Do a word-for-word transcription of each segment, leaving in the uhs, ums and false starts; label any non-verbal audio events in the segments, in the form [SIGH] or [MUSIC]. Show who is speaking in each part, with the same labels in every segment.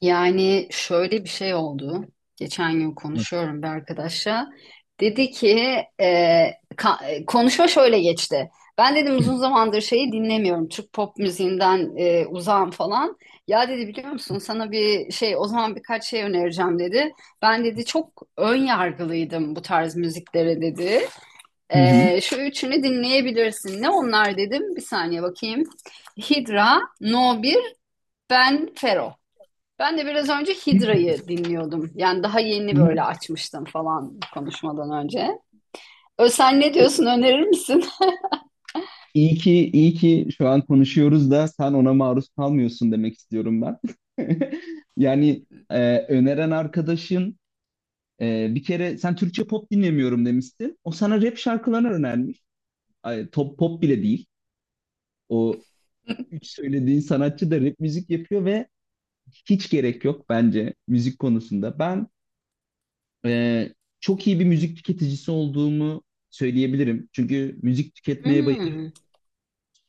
Speaker 1: Yani şöyle bir şey oldu. Geçen gün
Speaker 2: Nasıl?
Speaker 1: konuşuyorum bir arkadaşla. Dedi ki e, ka- e, konuşma şöyle geçti. Ben dedim
Speaker 2: Hı
Speaker 1: uzun zamandır şeyi dinlemiyorum. Türk pop müziğinden e, uzağım falan. Ya dedi biliyor musun sana bir şey o zaman birkaç şey önereceğim dedi. Ben dedi çok ön yargılıydım bu tarz müziklere dedi.
Speaker 2: hı. Hı.
Speaker 1: E, şu üçünü dinleyebilirsin. Ne onlar dedim. Bir saniye bakayım. Hidra, No numara bir, Ben Fero. Ben de biraz önce
Speaker 2: Hı
Speaker 1: Hidra'yı dinliyordum. Yani daha yeni
Speaker 2: hı.
Speaker 1: böyle açmıştım falan konuşmadan önce. Ö, sen ne diyorsun, önerir misin? [LAUGHS]
Speaker 2: İyi ki iyi ki şu an konuşuyoruz da sen ona maruz kalmıyorsun demek istiyorum ben. [LAUGHS] Yani e, öneren arkadaşın e, bir kere sen Türkçe pop dinlemiyorum demiştin. O sana rap şarkılarını önermiş. Ay, top pop bile değil. O üç söylediğin sanatçı da rap müzik yapıyor ve hiç gerek yok bence müzik konusunda. Ben e, çok iyi bir müzik tüketicisi olduğumu söyleyebilirim. Çünkü müzik tüketmeye bayılıyorum.
Speaker 1: Hmm.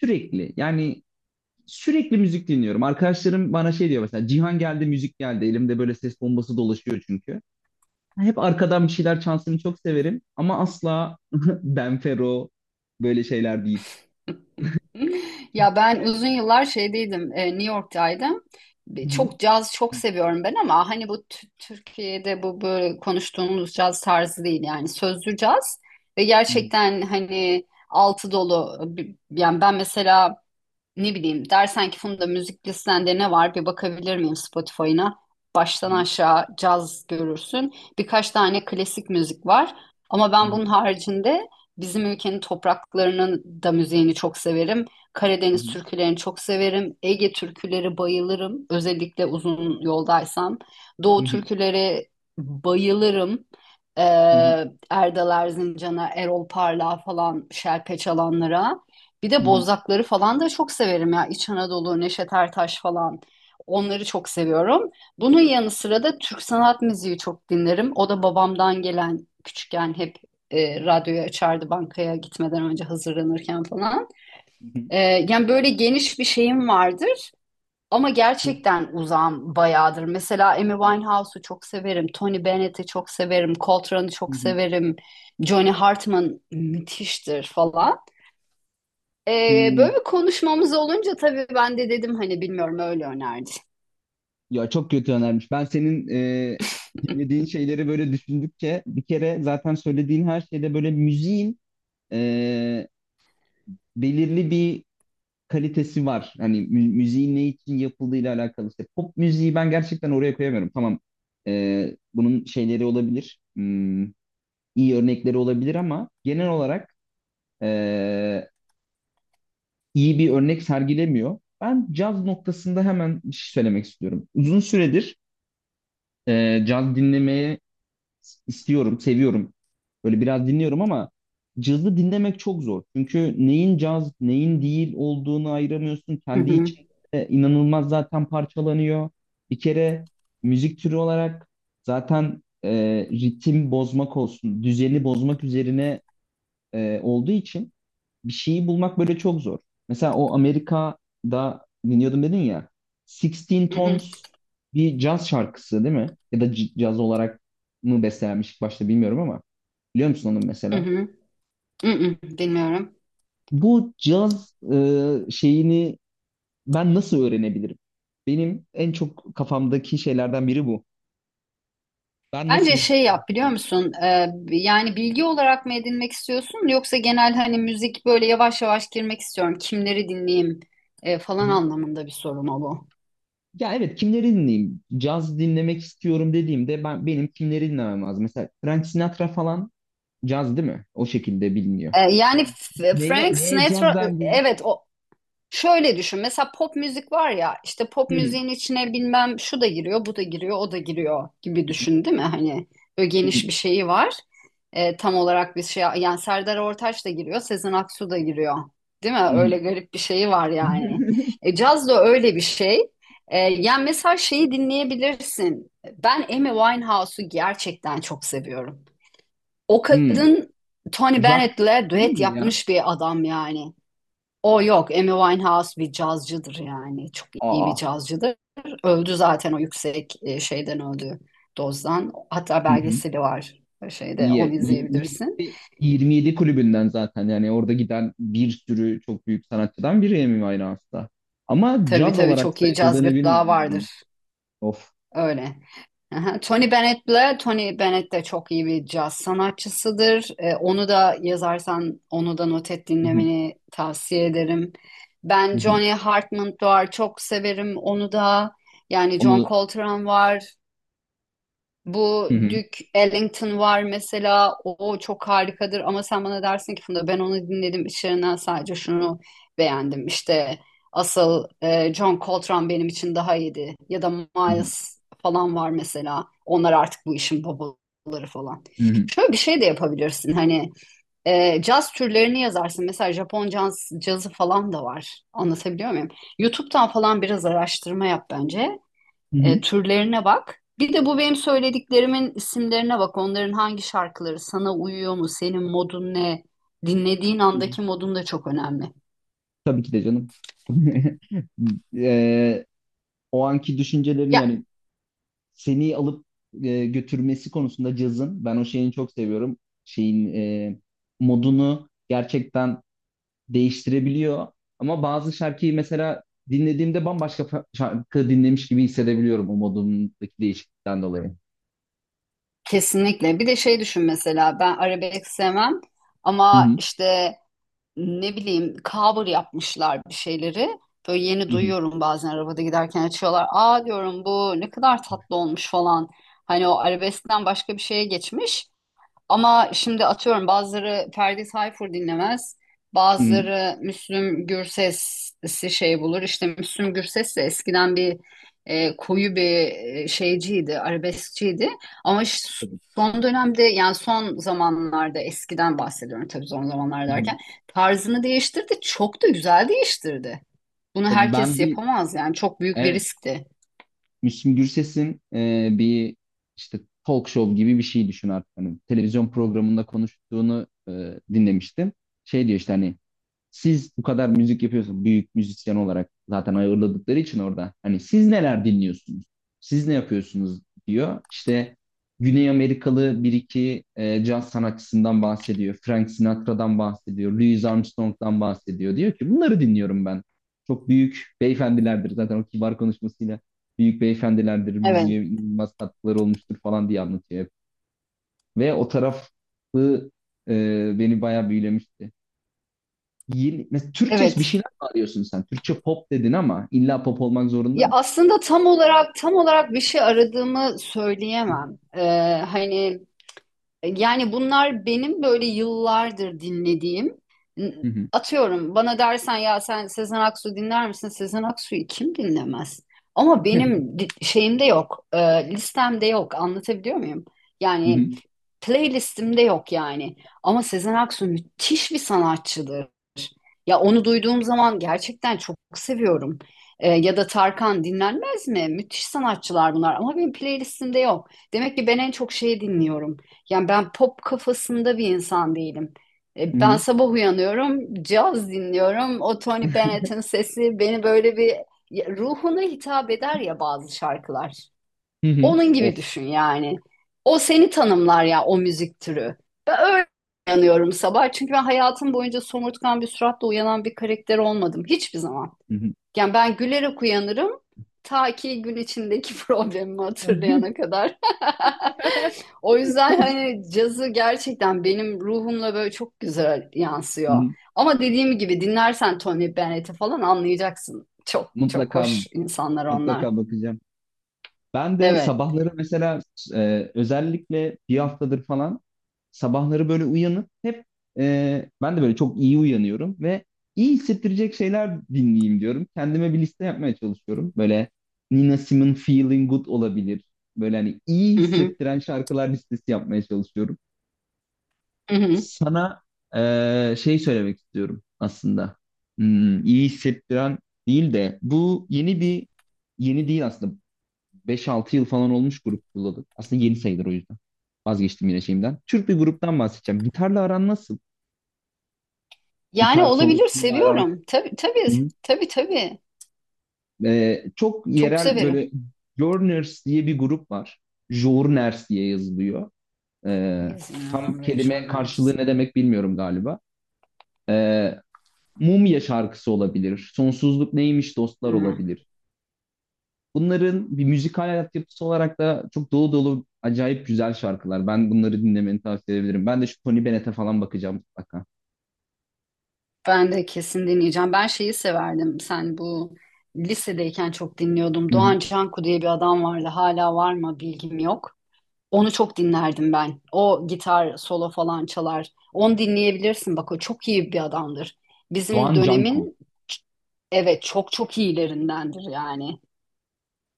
Speaker 2: Sürekli yani sürekli müzik dinliyorum. Arkadaşlarım bana şey diyor mesela Cihan geldi müzik geldi. Elimde böyle ses bombası dolaşıyor çünkü. Yani hep arkadan bir şeyler çalsın çok severim ama asla [LAUGHS] Benfero böyle şeyler değil.
Speaker 1: Ya ben uzun yıllar şeydeydim, e, New York'taydım.
Speaker 2: Hı
Speaker 1: Bir-
Speaker 2: hı,
Speaker 1: Çok caz çok
Speaker 2: hı
Speaker 1: seviyorum ben ama hani bu Tü- Türkiye'de bu böyle konuştuğumuz caz tarzı değil yani sözlü caz ve
Speaker 2: hı,
Speaker 1: gerçekten hani altı dolu. Bir- Yani ben mesela ne bileyim dersen ki Funda müzik listende ne var bir bakabilir miyim Spotify'ına?
Speaker 2: hı
Speaker 1: Baştan aşağı caz görürsün. Birkaç tane klasik müzik var. Ama
Speaker 2: hı,
Speaker 1: ben bunun haricinde bizim ülkenin topraklarının da müziğini çok severim.
Speaker 2: hı
Speaker 1: Karadeniz
Speaker 2: hı,
Speaker 1: türkülerini çok severim. Ege türküleri bayılırım. Özellikle uzun yoldaysam.
Speaker 2: hı
Speaker 1: Doğu
Speaker 2: hı,
Speaker 1: türküleri bayılırım.
Speaker 2: hı hı,
Speaker 1: Ee, Erdal Erzincan'a, Erol Parlak'a falan şerpe çalanlara. Bir
Speaker 2: hı
Speaker 1: de
Speaker 2: hı,
Speaker 1: Bozdakları falan da çok severim ya. İç Anadolu, Neşet Ertaş falan. Onları çok seviyorum. Bunun yanı sıra da Türk sanat müziği çok dinlerim. O da babamdan gelen küçükken hep e, radyoyu açardı bankaya gitmeden önce hazırlanırken falan.
Speaker 2: hı hı.
Speaker 1: E, yani böyle geniş bir şeyim vardır ama
Speaker 2: Şey,
Speaker 1: gerçekten uzağım bayağıdır. Mesela Amy
Speaker 2: evet,
Speaker 1: Winehouse'u çok severim, Tony Bennett'i çok severim, Coltrane'ı
Speaker 2: hı
Speaker 1: çok
Speaker 2: hı,
Speaker 1: severim, Johnny Hartman müthiştir falan. Ee,
Speaker 2: hı.
Speaker 1: böyle bir konuşmamız olunca tabii ben de dedim hani bilmiyorum öyle önerdi.
Speaker 2: Ya çok kötü önermiş. Ben senin e, dinlediğin şeyleri böyle düşündükçe bir kere zaten söylediğin her şeyde böyle müziğin e, belirli bir kalitesi var. Hani mü- müziğin ne için yapıldığıyla alakalı. İşte pop müziği ben gerçekten oraya koyamıyorum. Tamam e, bunun şeyleri olabilir. Hmm, iyi örnekleri olabilir ama genel olarak e, iyi bir örnek sergilemiyor. Ben caz noktasında hemen bir şey söylemek istiyorum. Uzun süredir e, caz dinlemeye istiyorum, seviyorum. Böyle biraz dinliyorum ama cazı dinlemek çok zor. Çünkü neyin caz, neyin değil olduğunu ayıramıyorsun.
Speaker 1: Hı
Speaker 2: Kendi
Speaker 1: hı,
Speaker 2: içinde inanılmaz zaten parçalanıyor. Bir kere müzik türü olarak zaten e, ritim bozmak olsun, düzeni bozmak üzerine e, olduğu için bir şeyi bulmak böyle çok zor. Mesela o Amerika'da dinliyordum dedin ya. Sixteen
Speaker 1: hı hı,
Speaker 2: Tones bir caz şarkısı değil mi? Ya da c- caz olarak mı bestelenmiş ilk başta bilmiyorum ama. Biliyor musun onu
Speaker 1: hı
Speaker 2: mesela?
Speaker 1: hı, hı hı, bilmiyorum.
Speaker 2: Bu caz e, şeyini ben nasıl öğrenebilirim? Benim en çok kafamdaki şeylerden biri bu. Ben nasıl
Speaker 1: Bence şey
Speaker 2: caz
Speaker 1: yap biliyor
Speaker 2: dinleyeyim?
Speaker 1: musun? Ee, yani bilgi olarak mı edinmek istiyorsun yoksa genel hani müzik böyle yavaş yavaş girmek istiyorum. Kimleri dinleyeyim e,
Speaker 2: Hı
Speaker 1: falan
Speaker 2: hı.
Speaker 1: anlamında bir soru mu bu?
Speaker 2: Ya evet kimleri dinleyeyim? Caz dinlemek istiyorum dediğimde ben benim kimleri dinlemem lazım? Mesela Frank Sinatra falan caz değil mi? O şekilde biliniyor.
Speaker 1: Ee,
Speaker 2: Ne-
Speaker 1: yani F-
Speaker 2: Neye,
Speaker 1: Frank
Speaker 2: neye caz
Speaker 1: Sinatra
Speaker 2: dendi?
Speaker 1: evet o. Şöyle düşün. Mesela pop müzik var ya işte pop
Speaker 2: Hı.
Speaker 1: müziğin içine bilmem şu da giriyor, bu da giriyor, o da giriyor gibi düşün değil mi? Hani böyle
Speaker 2: Hı.
Speaker 1: geniş
Speaker 2: Hı.
Speaker 1: bir şeyi var. Ee, tam olarak bir şey yani Serdar Ortaç da giriyor, Sezen Aksu da giriyor. Değil mi?
Speaker 2: Hı.
Speaker 1: Öyle garip bir şeyi var yani.
Speaker 2: [LAUGHS]
Speaker 1: E, caz da öyle bir şey. E, yani mesela şeyi dinleyebilirsin. Ben Amy Winehouse'u gerçekten çok seviyorum. O
Speaker 2: Hmm.
Speaker 1: kadın Tony
Speaker 2: Rock
Speaker 1: Bennett'le
Speaker 2: değil
Speaker 1: düet
Speaker 2: mi ya?
Speaker 1: yapmış bir adam yani. O yok. Amy Winehouse bir cazcıdır yani. Çok iyi bir
Speaker 2: Aa.
Speaker 1: cazcıdır. Öldü zaten o yüksek e, şeyden öldü dozdan. Hatta
Speaker 2: Hı hı.
Speaker 1: belgeseli var e, şeyde onu
Speaker 2: İyi. İyi- iyi-
Speaker 1: izleyebilirsin.
Speaker 2: yirmi yedi kulübünden zaten yani orada giden bir sürü çok büyük sanatçıdan biri Amy Winehouse'da. Ama
Speaker 1: Tabii
Speaker 2: caz
Speaker 1: tabii
Speaker 2: olarak
Speaker 1: çok iyi caz
Speaker 2: sayıldığını bilmiyordum
Speaker 1: gırtlağı
Speaker 2: ben onu.
Speaker 1: vardır.
Speaker 2: Of.
Speaker 1: Öyle. Aha. Tony Bennett'le Tony Bennett de çok iyi bir caz sanatçısıdır. E, onu da yazarsan onu da not et
Speaker 2: Hı hı.
Speaker 1: dinlemeni tavsiye ederim. Ben
Speaker 2: Hı hı.
Speaker 1: Johnny Hartman var çok severim onu da. Yani John
Speaker 2: Onu.
Speaker 1: Coltrane var. Bu
Speaker 2: Hı hı.
Speaker 1: Duke Ellington var mesela. O çok harikadır ama sen bana dersin ki Funda ben onu dinledim içlerinden sadece şunu beğendim. İşte asıl e, John Coltrane benim için daha iyiydi. Ya da
Speaker 2: Hı hı.
Speaker 1: Miles falan var mesela. Onlar artık bu işin babaları falan.
Speaker 2: Hı hı.
Speaker 1: Şöyle bir şey de yapabilirsin. Hani e, caz türlerini yazarsın. Mesela Japon caz, cazı falan da var. Anlatabiliyor muyum? YouTube'dan falan biraz araştırma yap bence.
Speaker 2: Hı hı.
Speaker 1: E, türlerine bak. Bir de bu benim söylediklerimin isimlerine bak. Onların hangi şarkıları sana uyuyor mu? Senin modun ne? Dinlediğin
Speaker 2: Hı hı.
Speaker 1: andaki modun da çok önemli.
Speaker 2: Tabii ki de canım. [LAUGHS] Eee, o anki düşüncelerin
Speaker 1: Ya
Speaker 2: yani seni alıp e, götürmesi konusunda cazın ben o şeyini çok seviyorum. Şeyin e, modunu gerçekten değiştirebiliyor. Ama bazı şarkıyı mesela dinlediğimde bambaşka fa- şarkı dinlemiş gibi hissedebiliyorum o modundaki değişiklikten dolayı.
Speaker 1: kesinlikle. Bir de şey düşün mesela ben arabesk sevmem
Speaker 2: Hı
Speaker 1: ama
Speaker 2: hı,
Speaker 1: işte ne bileyim cover yapmışlar bir şeyleri. Böyle yeni
Speaker 2: hı hı,
Speaker 1: duyuyorum bazen arabada giderken açıyorlar. Aa diyorum bu ne kadar tatlı olmuş falan. Hani o arabeskten başka bir şeye geçmiş. Ama şimdi atıyorum bazıları Ferdi Tayfur dinlemez.
Speaker 2: hı hı.
Speaker 1: Bazıları Müslüm Gürses'i şey bulur. İşte Müslüm Gürses de eskiden bir e, koyu bir e, şeyciydi, arabeskçiydi. Ama ş-
Speaker 2: Tabii.
Speaker 1: son dönemde yani son zamanlarda eskiden bahsediyorum tabii son zamanlar
Speaker 2: Hı hı.
Speaker 1: derken tarzını değiştirdi. Çok da güzel değiştirdi. Bunu
Speaker 2: Ben
Speaker 1: herkes
Speaker 2: bir
Speaker 1: yapamaz yani çok büyük bir
Speaker 2: evet
Speaker 1: riskti.
Speaker 2: Müslüm Gürses'in e, bir işte talk show gibi bir şey düşün artık. Hani televizyon programında konuştuğunu e, dinlemiştim. Şey diyor işte hani siz bu kadar müzik yapıyorsunuz büyük müzisyen olarak zaten ayırladıkları için orada. Hani siz neler dinliyorsunuz? Siz ne yapıyorsunuz diyor. İşte Güney Amerikalı bir iki e, caz sanatçısından bahsediyor. Frank Sinatra'dan bahsediyor. Louis Armstrong'dan bahsediyor. Diyor ki bunları dinliyorum ben. Çok büyük beyefendilerdir. Zaten o kibar konuşmasıyla büyük beyefendilerdir.
Speaker 1: Evet.
Speaker 2: Müziğe inanılmaz katkıları olmuştur falan diye anlatıyor hep. Ve o tarafı e, beni bayağı büyülemişti. Yeni, mesela Türkçe bir
Speaker 1: Evet.
Speaker 2: şeyler mi arıyorsun sen? Türkçe pop dedin ama illa pop olmak zorunda
Speaker 1: Ya
Speaker 2: mı?
Speaker 1: aslında tam olarak tam olarak bir şey aradığımı söyleyemem. Ee, hani yani bunlar benim böyle yıllardır dinlediğim n-
Speaker 2: Hı hı.
Speaker 1: atıyorum bana dersen ya sen Sezen Aksu dinler misin? Sezen Aksu'yu kim dinlemez? Ama
Speaker 2: Hı hı.
Speaker 1: benim di- şeyimde yok. E, listemde yok. Anlatabiliyor muyum? Yani playlistimde yok yani. Ama Sezen Aksu müthiş bir sanatçıdır. Ya onu duyduğum zaman gerçekten çok seviyorum. Ee, ya da Tarkan dinlenmez mi? Müthiş sanatçılar bunlar ama benim playlistimde yok. Demek ki ben en çok şeyi dinliyorum. Yani ben pop kafasında bir insan değilim.
Speaker 2: Hı
Speaker 1: Ee, ben
Speaker 2: hı.
Speaker 1: sabah uyanıyorum, caz dinliyorum. O Tony Bennett'in sesi beni böyle bir ya, ruhuna hitap eder ya bazı şarkılar.
Speaker 2: Hı hı.
Speaker 1: Onun gibi
Speaker 2: Of.
Speaker 1: düşün yani. O seni tanımlar ya o müzik türü. Ben öyle uyanıyorum sabah. Çünkü ben hayatım boyunca somurtkan bir suratla uyanan bir karakter olmadım. Hiçbir zaman.
Speaker 2: Hı hı.
Speaker 1: Yani ben gülerek uyanırım. Ta ki gün içindeki [LAUGHS] problemimi hatırlayana kadar. [LAUGHS] O yüzden hani cazı gerçekten benim ruhumla böyle çok güzel
Speaker 2: Hı
Speaker 1: yansıyor.
Speaker 2: hı.
Speaker 1: Ama dediğim gibi dinlersen Tony Bennett'i falan anlayacaksın. Çok çok
Speaker 2: Mutlaka
Speaker 1: hoş insanlar onlar.
Speaker 2: mutlaka bakacağım. Ben de
Speaker 1: Evet.
Speaker 2: sabahları mesela e, özellikle bir haftadır falan sabahları böyle uyanıp hep e, ben de böyle çok iyi uyanıyorum ve iyi hissettirecek şeyler dinleyeyim diyorum. Kendime bir liste yapmaya çalışıyorum. Böyle Nina Simone Feeling Good olabilir. Böyle hani iyi
Speaker 1: Hı hı.
Speaker 2: hissettiren şarkılar listesi yapmaya çalışıyorum.
Speaker 1: Hı hı.
Speaker 2: Sana e, şey söylemek istiyorum aslında. Hmm, iyi hissettiren değil de bu yeni bir yeni değil aslında. Beş altı yıl falan olmuş grup kulladım. Aslında yeni sayılır o yüzden. Vazgeçtim yine şeyimden. Türk bir gruptan bahsedeceğim. Gitarla aran nasıl?
Speaker 1: Yani
Speaker 2: Gitar
Speaker 1: olabilir
Speaker 2: solosuyla aran.
Speaker 1: seviyorum. Tabii tabii
Speaker 2: Hı hı.
Speaker 1: tabii tabii.
Speaker 2: Ee, çok
Speaker 1: Çok
Speaker 2: yerel
Speaker 1: severim.
Speaker 2: böyle Jorners diye bir grup var. Jorners diye yazılıyor. Ee, tam
Speaker 1: Yazıyorum
Speaker 2: kelime
Speaker 1: rejyonels.
Speaker 2: karşılığı ne demek bilmiyorum galiba. Ee, Mumya şarkısı olabilir. Sonsuzluk neymiş dostlar
Speaker 1: Ama
Speaker 2: olabilir. Bunların bir müzikal altyapısı olarak da çok dolu dolu acayip güzel şarkılar. Ben bunları dinlemeni tavsiye edebilirim. Ben de şu Tony Bennett'e falan bakacağım mutlaka.
Speaker 1: Ben de kesin dinleyeceğim. Ben şeyi severdim. Sen bu lisedeyken çok dinliyordum.
Speaker 2: Hı hı.
Speaker 1: Doğan Canku diye bir adam vardı. Hala var mı bilgim yok. Onu çok dinlerdim ben. O gitar solo falan çalar. Onu dinleyebilirsin. Bak o çok iyi bir adamdır. Bizim
Speaker 2: Doğan Canku.
Speaker 1: dönemin evet çok çok iyilerindendir yani.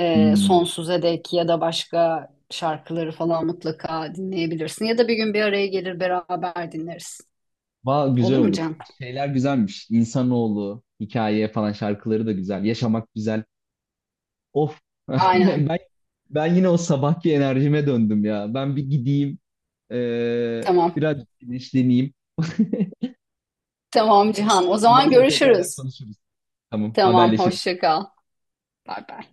Speaker 1: E,
Speaker 2: Hmm.
Speaker 1: sonsuza dek ya da başka şarkıları falan mutlaka dinleyebilirsin. Ya da bir gün bir araya gelir beraber dinleriz.
Speaker 2: Va güzel
Speaker 1: Olur mu
Speaker 2: olur.
Speaker 1: Can?
Speaker 2: Şeyler güzelmiş. İnsanoğlu, hikaye falan şarkıları da güzel. Yaşamak güzel. Of. [LAUGHS]
Speaker 1: Aynen.
Speaker 2: Ben ben yine o sabahki enerjime döndüm ya. Ben bir gideyim. eee,
Speaker 1: Tamam.
Speaker 2: biraz güneşleneyim.
Speaker 1: Tamam Cihan. O
Speaker 2: Ondan
Speaker 1: zaman
Speaker 2: sonra tekrardan
Speaker 1: görüşürüz.
Speaker 2: konuşuruz. Tamam,
Speaker 1: Tamam.
Speaker 2: haberleşiriz.
Speaker 1: Hoşça kal. Bay bay.